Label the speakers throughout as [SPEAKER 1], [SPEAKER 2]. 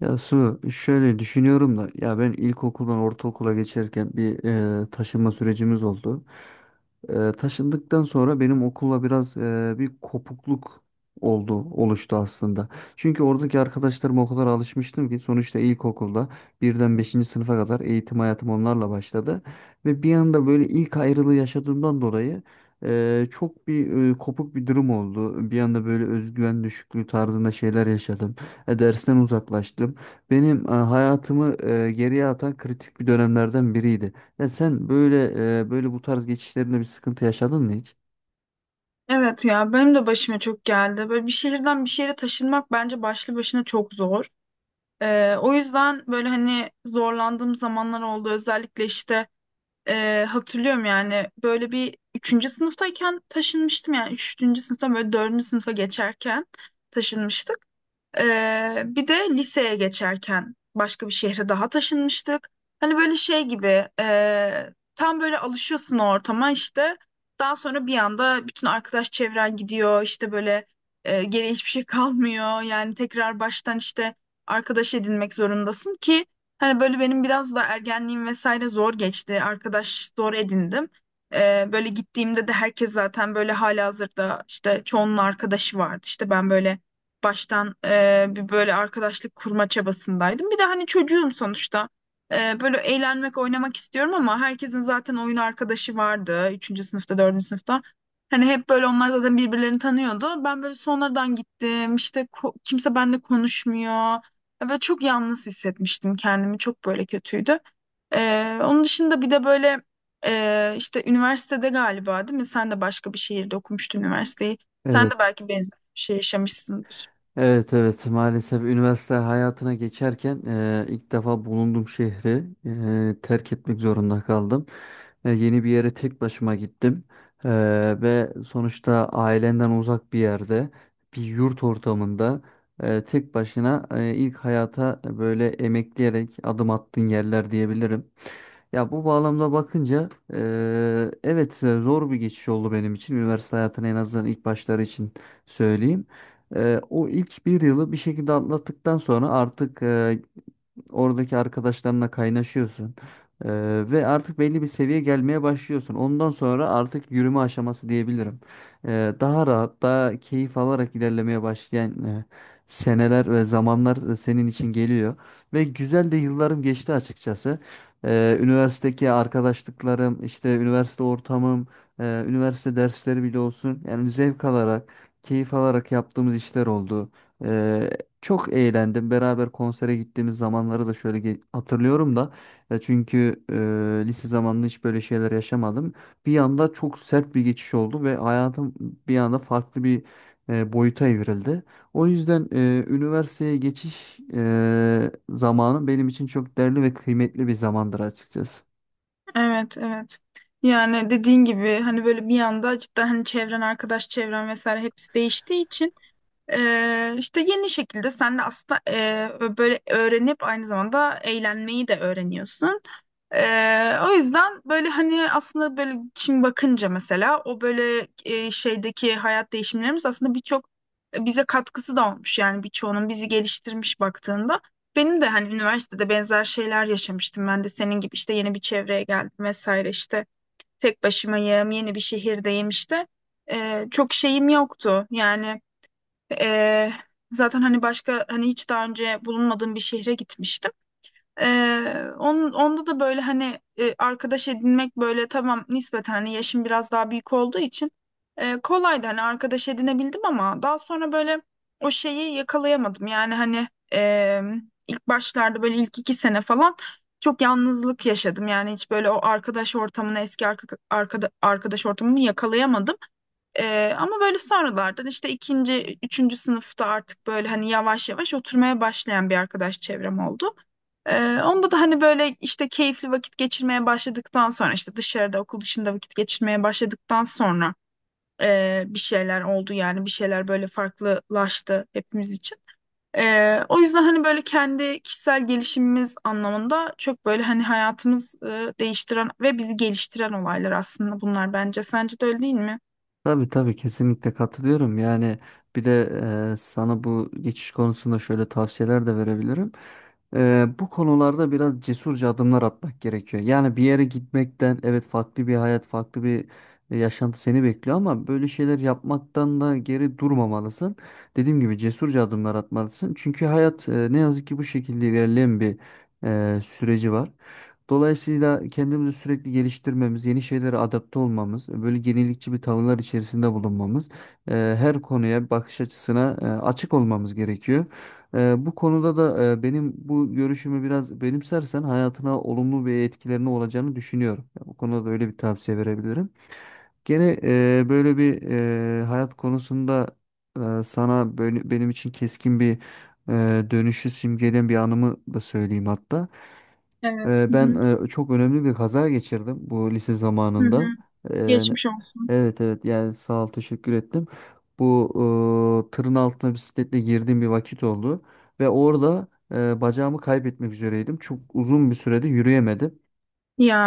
[SPEAKER 1] Ya Su şöyle düşünüyorum da ya ben ilkokuldan ortaokula geçerken bir taşınma sürecimiz oldu. Taşındıktan sonra benim okulla biraz bir kopukluk oluştu aslında. Çünkü oradaki arkadaşlarıma o kadar alışmıştım ki sonuçta ilkokulda birden beşinci sınıfa kadar eğitim hayatım onlarla başladı. Ve bir anda böyle ilk ayrılığı yaşadığımdan dolayı çok bir kopuk bir durum oldu. Bir anda böyle özgüven düşüklüğü tarzında şeyler yaşadım, dersten uzaklaştım. Benim hayatımı geriye atan kritik bir dönemlerden biriydi. Ya sen böyle bu tarz geçişlerinde bir sıkıntı yaşadın mı hiç?
[SPEAKER 2] Evet ya benim de başıma çok geldi. Böyle bir şehirden bir şehre taşınmak bence başlı başına çok zor. O yüzden böyle hani zorlandığım zamanlar oldu. Özellikle işte hatırlıyorum yani böyle bir üçüncü sınıftayken taşınmıştım, yani üçüncü sınıftan böyle dördüncü sınıfa geçerken taşınmıştık. Bir de liseye geçerken başka bir şehre daha taşınmıştık. Hani böyle şey gibi tam böyle alışıyorsun o ortama işte. Daha sonra bir anda bütün arkadaş çevren gidiyor, işte böyle geriye hiçbir şey kalmıyor. Yani tekrar baştan işte arkadaş edinmek zorundasın ki hani böyle benim biraz da ergenliğim vesaire zor geçti. Arkadaş zor edindim. Böyle gittiğimde de herkes zaten böyle halihazırda, işte çoğunun arkadaşı vardı. İşte ben böyle baştan bir böyle arkadaşlık kurma çabasındaydım. Bir de hani çocuğum sonuçta. Böyle eğlenmek, oynamak istiyorum ama herkesin zaten oyun arkadaşı vardı. Üçüncü sınıfta, dördüncü sınıfta. Hani hep böyle onlar zaten birbirlerini tanıyordu. Ben böyle sonradan gittim. İşte kimse benimle konuşmuyor. Ya çok yalnız hissetmiştim kendimi. Çok böyle kötüydü. Onun dışında bir de böyle işte üniversitede galiba değil mi? Sen de başka bir şehirde okumuştun üniversiteyi. Sen de
[SPEAKER 1] Evet.
[SPEAKER 2] belki benzer bir şey yaşamışsındır.
[SPEAKER 1] Evet, evet, maalesef üniversite hayatına geçerken ilk defa bulunduğum şehri terk etmek zorunda kaldım. Yeni bir yere tek başıma gittim. Ve sonuçta ailenden uzak bir yerde, bir yurt ortamında, tek başına, ilk hayata böyle emekleyerek adım attığın yerler diyebilirim. Ya bu bağlamda bakınca, evet, zor bir geçiş oldu benim için üniversite hayatının en azından ilk başları için söyleyeyim. O ilk bir yılı bir şekilde atlattıktan sonra artık oradaki arkadaşlarınla kaynaşıyorsun. Ee, Ve artık belli bir seviye gelmeye başlıyorsun. Ondan sonra artık yürüme aşaması diyebilirim. Daha rahat, daha keyif alarak ilerlemeye başlayan seneler ve zamanlar senin için geliyor. Ve güzel de yıllarım geçti açıkçası. Üniversitedeki arkadaşlıklarım, işte üniversite ortamım, üniversite dersleri bile olsun. Yani zevk alarak, keyif alarak yaptığımız işler oldu. Çok eğlendim. Beraber konsere gittiğimiz zamanları da şöyle hatırlıyorum da. Ya çünkü lise zamanında hiç böyle şeyler yaşamadım. Bir anda çok sert bir geçiş oldu ve hayatım bir anda farklı bir boyuta evrildi. O yüzden üniversiteye geçiş zamanı benim için çok değerli ve kıymetli bir zamandır açıkçası.
[SPEAKER 2] Evet, evet. Yani dediğin gibi hani böyle bir anda cidden hani çevren, arkadaş çevren vesaire hepsi değiştiği için işte yeni şekilde sen de aslında böyle öğrenip aynı zamanda eğlenmeyi de öğreniyorsun. O yüzden böyle hani aslında böyle şimdi bakınca mesela o böyle şeydeki hayat değişimlerimiz aslında birçok bize katkısı da olmuş, yani birçoğunun bizi geliştirmiş baktığında. Benim de hani üniversitede benzer şeyler yaşamıştım. Ben de senin gibi işte yeni bir çevreye geldim vesaire, işte tek başımayım, yeni bir şehirdeyim işte. Çok şeyim yoktu yani, e, zaten hani başka hani hiç daha önce bulunmadığım bir şehre gitmiştim. Onun, onda da böyle hani arkadaş edinmek böyle tamam nispeten, hani yaşım biraz daha büyük olduğu için kolaydı, hani arkadaş edinebildim ama daha sonra böyle o şeyi yakalayamadım. Yani hani e, ilk başlarda böyle ilk iki sene falan çok yalnızlık yaşadım. Yani hiç böyle o arkadaş ortamını, eski arkadaş ortamımı yakalayamadım. Ama böyle sonralardan işte ikinci, üçüncü sınıfta artık böyle hani yavaş yavaş oturmaya başlayan bir arkadaş çevrem oldu. Onda da hani böyle işte keyifli vakit geçirmeye başladıktan sonra, işte dışarıda okul dışında vakit geçirmeye başladıktan sonra bir şeyler oldu yani, bir şeyler böyle farklılaştı hepimiz için. O yüzden hani böyle kendi kişisel gelişimimiz anlamında çok böyle hani hayatımız değiştiren ve bizi geliştiren olaylar aslında bunlar bence. Sence de öyle değil mi?
[SPEAKER 1] Tabii, tabii, kesinlikle katılıyorum. Yani bir de sana bu geçiş konusunda şöyle tavsiyeler de verebilirim. Bu konularda biraz cesurca adımlar atmak gerekiyor. Yani bir yere gitmekten evet, farklı bir hayat, farklı bir yaşantı seni bekliyor ama böyle şeyler yapmaktan da geri durmamalısın. Dediğim gibi cesurca adımlar atmalısın. Çünkü hayat, ne yazık ki bu şekilde ilerleyen bir süreci var. Dolayısıyla kendimizi sürekli geliştirmemiz, yeni şeylere adapte olmamız, böyle yenilikçi bir tavırlar içerisinde bulunmamız, e, her konuya bakış açısına açık olmamız gerekiyor. Bu konuda da benim bu görüşümü biraz benimsersen hayatına olumlu bir etkilerine olacağını düşünüyorum. Yani bu konuda da öyle bir tavsiye verebilirim. Gene böyle bir hayat konusunda sana böyle, benim için keskin bir dönüşü simgeleyen bir anımı da söyleyeyim hatta.
[SPEAKER 2] Evet. Hı
[SPEAKER 1] Ben
[SPEAKER 2] hı.
[SPEAKER 1] çok önemli bir kaza geçirdim bu lise
[SPEAKER 2] Hı hı.
[SPEAKER 1] zamanında. Ee,
[SPEAKER 2] Geçmiş olsun.
[SPEAKER 1] Evet, evet, yani sağ ol, teşekkür ettim. Bu, tırın altına bisikletle girdiğim bir vakit oldu. Ve orada bacağımı kaybetmek üzereydim. Çok uzun bir sürede yürüyemedim.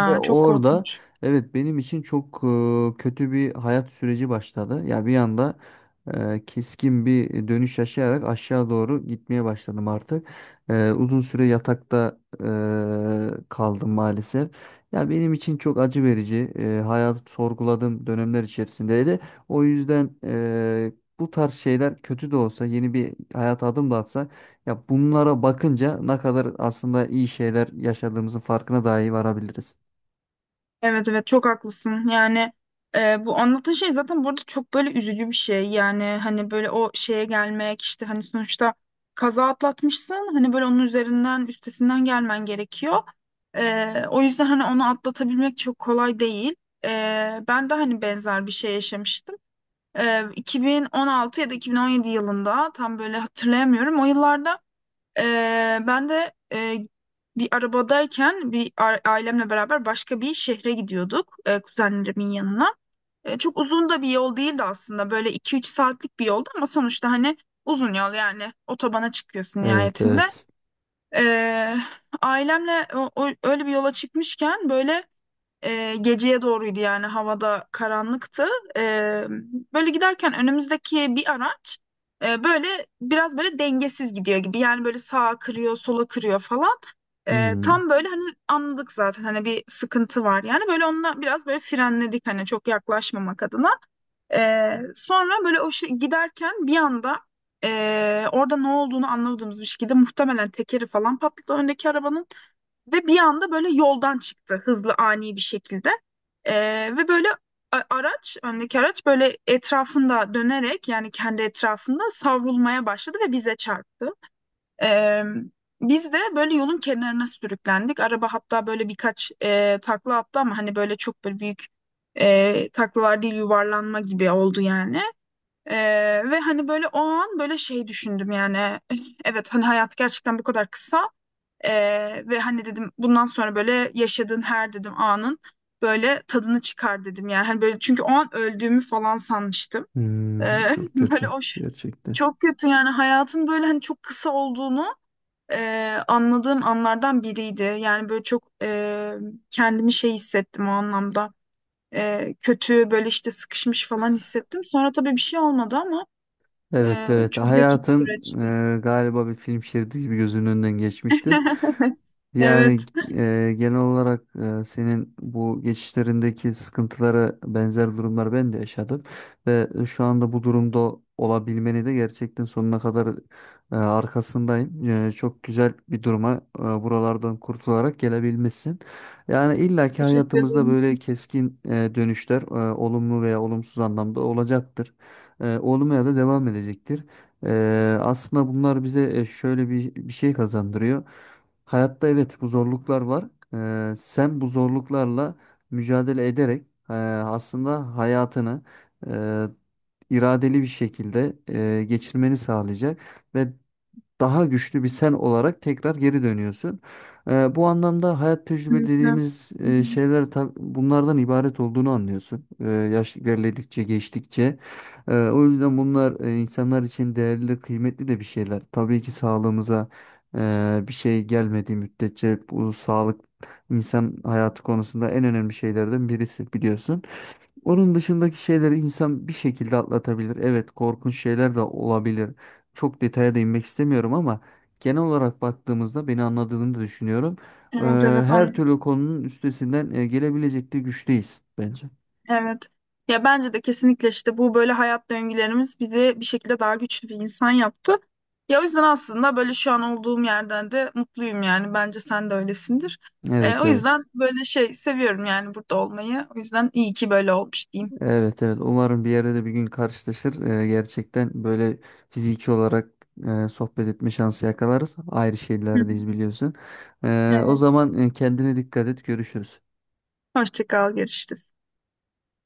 [SPEAKER 1] Ve
[SPEAKER 2] çok
[SPEAKER 1] orada
[SPEAKER 2] korkunç.
[SPEAKER 1] evet, benim için çok kötü bir hayat süreci başladı. Ya bir anda keskin bir dönüş yaşayarak aşağı doğru gitmeye başladım artık. Uzun süre yatakta kaldım maalesef. Ya benim için çok acı verici, hayatı sorguladığım dönemler içerisindeydi. O yüzden bu tarz şeyler kötü de olsa, yeni bir hayata adım da atsak, ya bunlara bakınca ne kadar aslında iyi şeyler yaşadığımızın farkına dahi varabiliriz.
[SPEAKER 2] Evet, evet, çok haklısın. Yani bu anlattığın şey zaten burada çok böyle üzücü bir şey. Yani hani böyle o şeye gelmek, işte hani sonuçta kaza atlatmışsın. Hani böyle onun üzerinden, üstesinden gelmen gerekiyor. E, o yüzden hani onu atlatabilmek çok kolay değil. E, Ben de hani benzer bir şey yaşamıştım. E, 2016 ya da 2017 yılında tam böyle hatırlayamıyorum. O yıllarda ee, ben de bir arabadayken, ailemle beraber başka bir şehre gidiyorduk, kuzenlerimin yanına. E, çok uzun da bir yol değildi aslında, böyle iki üç saatlik bir yoldu ama sonuçta hani uzun yol, yani otobana çıkıyorsun
[SPEAKER 1] Evet,
[SPEAKER 2] nihayetinde.
[SPEAKER 1] evet.
[SPEAKER 2] Ee, Ailemle öyle bir yola çıkmışken, böyle geceye doğruydu yani, havada karanlıktı. E, Böyle giderken önümüzdeki bir araç böyle biraz böyle dengesiz gidiyor gibi. Yani böyle sağa kırıyor, sola kırıyor falan.
[SPEAKER 1] Hmm,
[SPEAKER 2] Tam böyle hani anladık zaten hani bir sıkıntı var. Yani böyle onunla biraz böyle frenledik, hani çok yaklaşmamak adına. E, Sonra böyle o şey, giderken bir anda orada ne olduğunu anlamadığımız bir şekilde muhtemelen tekeri falan patladı öndeki arabanın. Ve bir anda böyle yoldan çıktı hızlı ani bir şekilde. Ve böyle araç, öndeki araç böyle etrafında dönerek, yani kendi etrafında savrulmaya başladı ve bize çarptı. Ee, Biz de böyle yolun kenarına sürüklendik. Araba hatta böyle birkaç takla attı ama hani böyle çok böyle büyük taklalar değil, yuvarlanma gibi oldu yani. Ve hani böyle o an böyle şey düşündüm yani evet hani hayat gerçekten bu kadar kısa ve hani dedim bundan sonra böyle yaşadığın her dedim anın böyle tadını çıkar dedim yani. Hani böyle çünkü o an öldüğümü falan sanmıştım. Ee,
[SPEAKER 1] hmm, çok
[SPEAKER 2] böyle
[SPEAKER 1] kötü
[SPEAKER 2] o şey-
[SPEAKER 1] gerçekten.
[SPEAKER 2] çok kötü yani, hayatın böyle hani çok kısa olduğunu anladığım anlardan biriydi. Yani böyle çok kendimi şey hissettim o anlamda. Kötü böyle, işte sıkışmış falan hissettim. Sonra tabii bir şey olmadı ama
[SPEAKER 1] Evet, evet,
[SPEAKER 2] çok kötü bir
[SPEAKER 1] hayatın,
[SPEAKER 2] süreçti.
[SPEAKER 1] galiba bir film şeridi gibi gözünün önünden geçmiştir. Yani
[SPEAKER 2] Evet.
[SPEAKER 1] genel olarak senin bu geçişlerindeki sıkıntılara benzer durumlar ben de yaşadım. Ve şu anda bu durumda olabilmeni de gerçekten sonuna kadar arkasındayım. Çok güzel bir duruma, buralardan kurtularak gelebilmişsin. Yani illaki
[SPEAKER 2] Teşekkür
[SPEAKER 1] hayatımızda
[SPEAKER 2] ederim.
[SPEAKER 1] böyle keskin dönüşler olumlu veya olumsuz anlamda olacaktır, olmaya da devam edecektir. Aslında bunlar bize şöyle bir, şey kazandırıyor. Hayatta evet, bu zorluklar var. Sen bu zorluklarla mücadele ederek aslında hayatını e, iradeli bir şekilde geçirmeni sağlayacak ve daha güçlü bir sen olarak tekrar geri dönüyorsun. Bu anlamda hayat tecrübe
[SPEAKER 2] Kesinlikle. Hı
[SPEAKER 1] dediğimiz
[SPEAKER 2] hı.
[SPEAKER 1] şeyler bunlardan ibaret olduğunu anlıyorsun. Yaş ilerledikçe, geçtikçe. O yüzden bunlar insanlar için değerli, kıymetli de bir şeyler. Tabii ki sağlığımıza bir şey gelmediği müddetçe bu sağlık, insan hayatı konusunda en önemli şeylerden birisi, biliyorsun. Onun dışındaki şeyleri insan bir şekilde atlatabilir. Evet, korkunç şeyler de olabilir. Çok detaya değinmek istemiyorum ama genel olarak baktığımızda beni anladığını da düşünüyorum. Ee,
[SPEAKER 2] Evet, evet,
[SPEAKER 1] Her
[SPEAKER 2] anlıyorum.
[SPEAKER 1] türlü konunun üstesinden gelebilecek de güçteyiz bence.
[SPEAKER 2] Evet. Ya bence de kesinlikle işte bu böyle hayat döngülerimiz bizi bir şekilde daha güçlü bir insan yaptı. Ya o yüzden aslında böyle şu an olduğum yerden de mutluyum yani. Bence sen de öylesindir. E,
[SPEAKER 1] Evet,
[SPEAKER 2] o
[SPEAKER 1] evet.
[SPEAKER 2] yüzden böyle şey seviyorum yani, burada olmayı. O yüzden iyi ki böyle olmuş diyeyim.
[SPEAKER 1] Evet, evet. Umarım bir yerde de bir gün karşılaşır. Gerçekten böyle fiziki olarak sohbet etme şansı yakalarız. Ayrı
[SPEAKER 2] Hı hı.
[SPEAKER 1] şehirlerdeyiz biliyorsun. O
[SPEAKER 2] Evet.
[SPEAKER 1] zaman kendine dikkat et. Görüşürüz.
[SPEAKER 2] Hoşça kal, görüşürüz.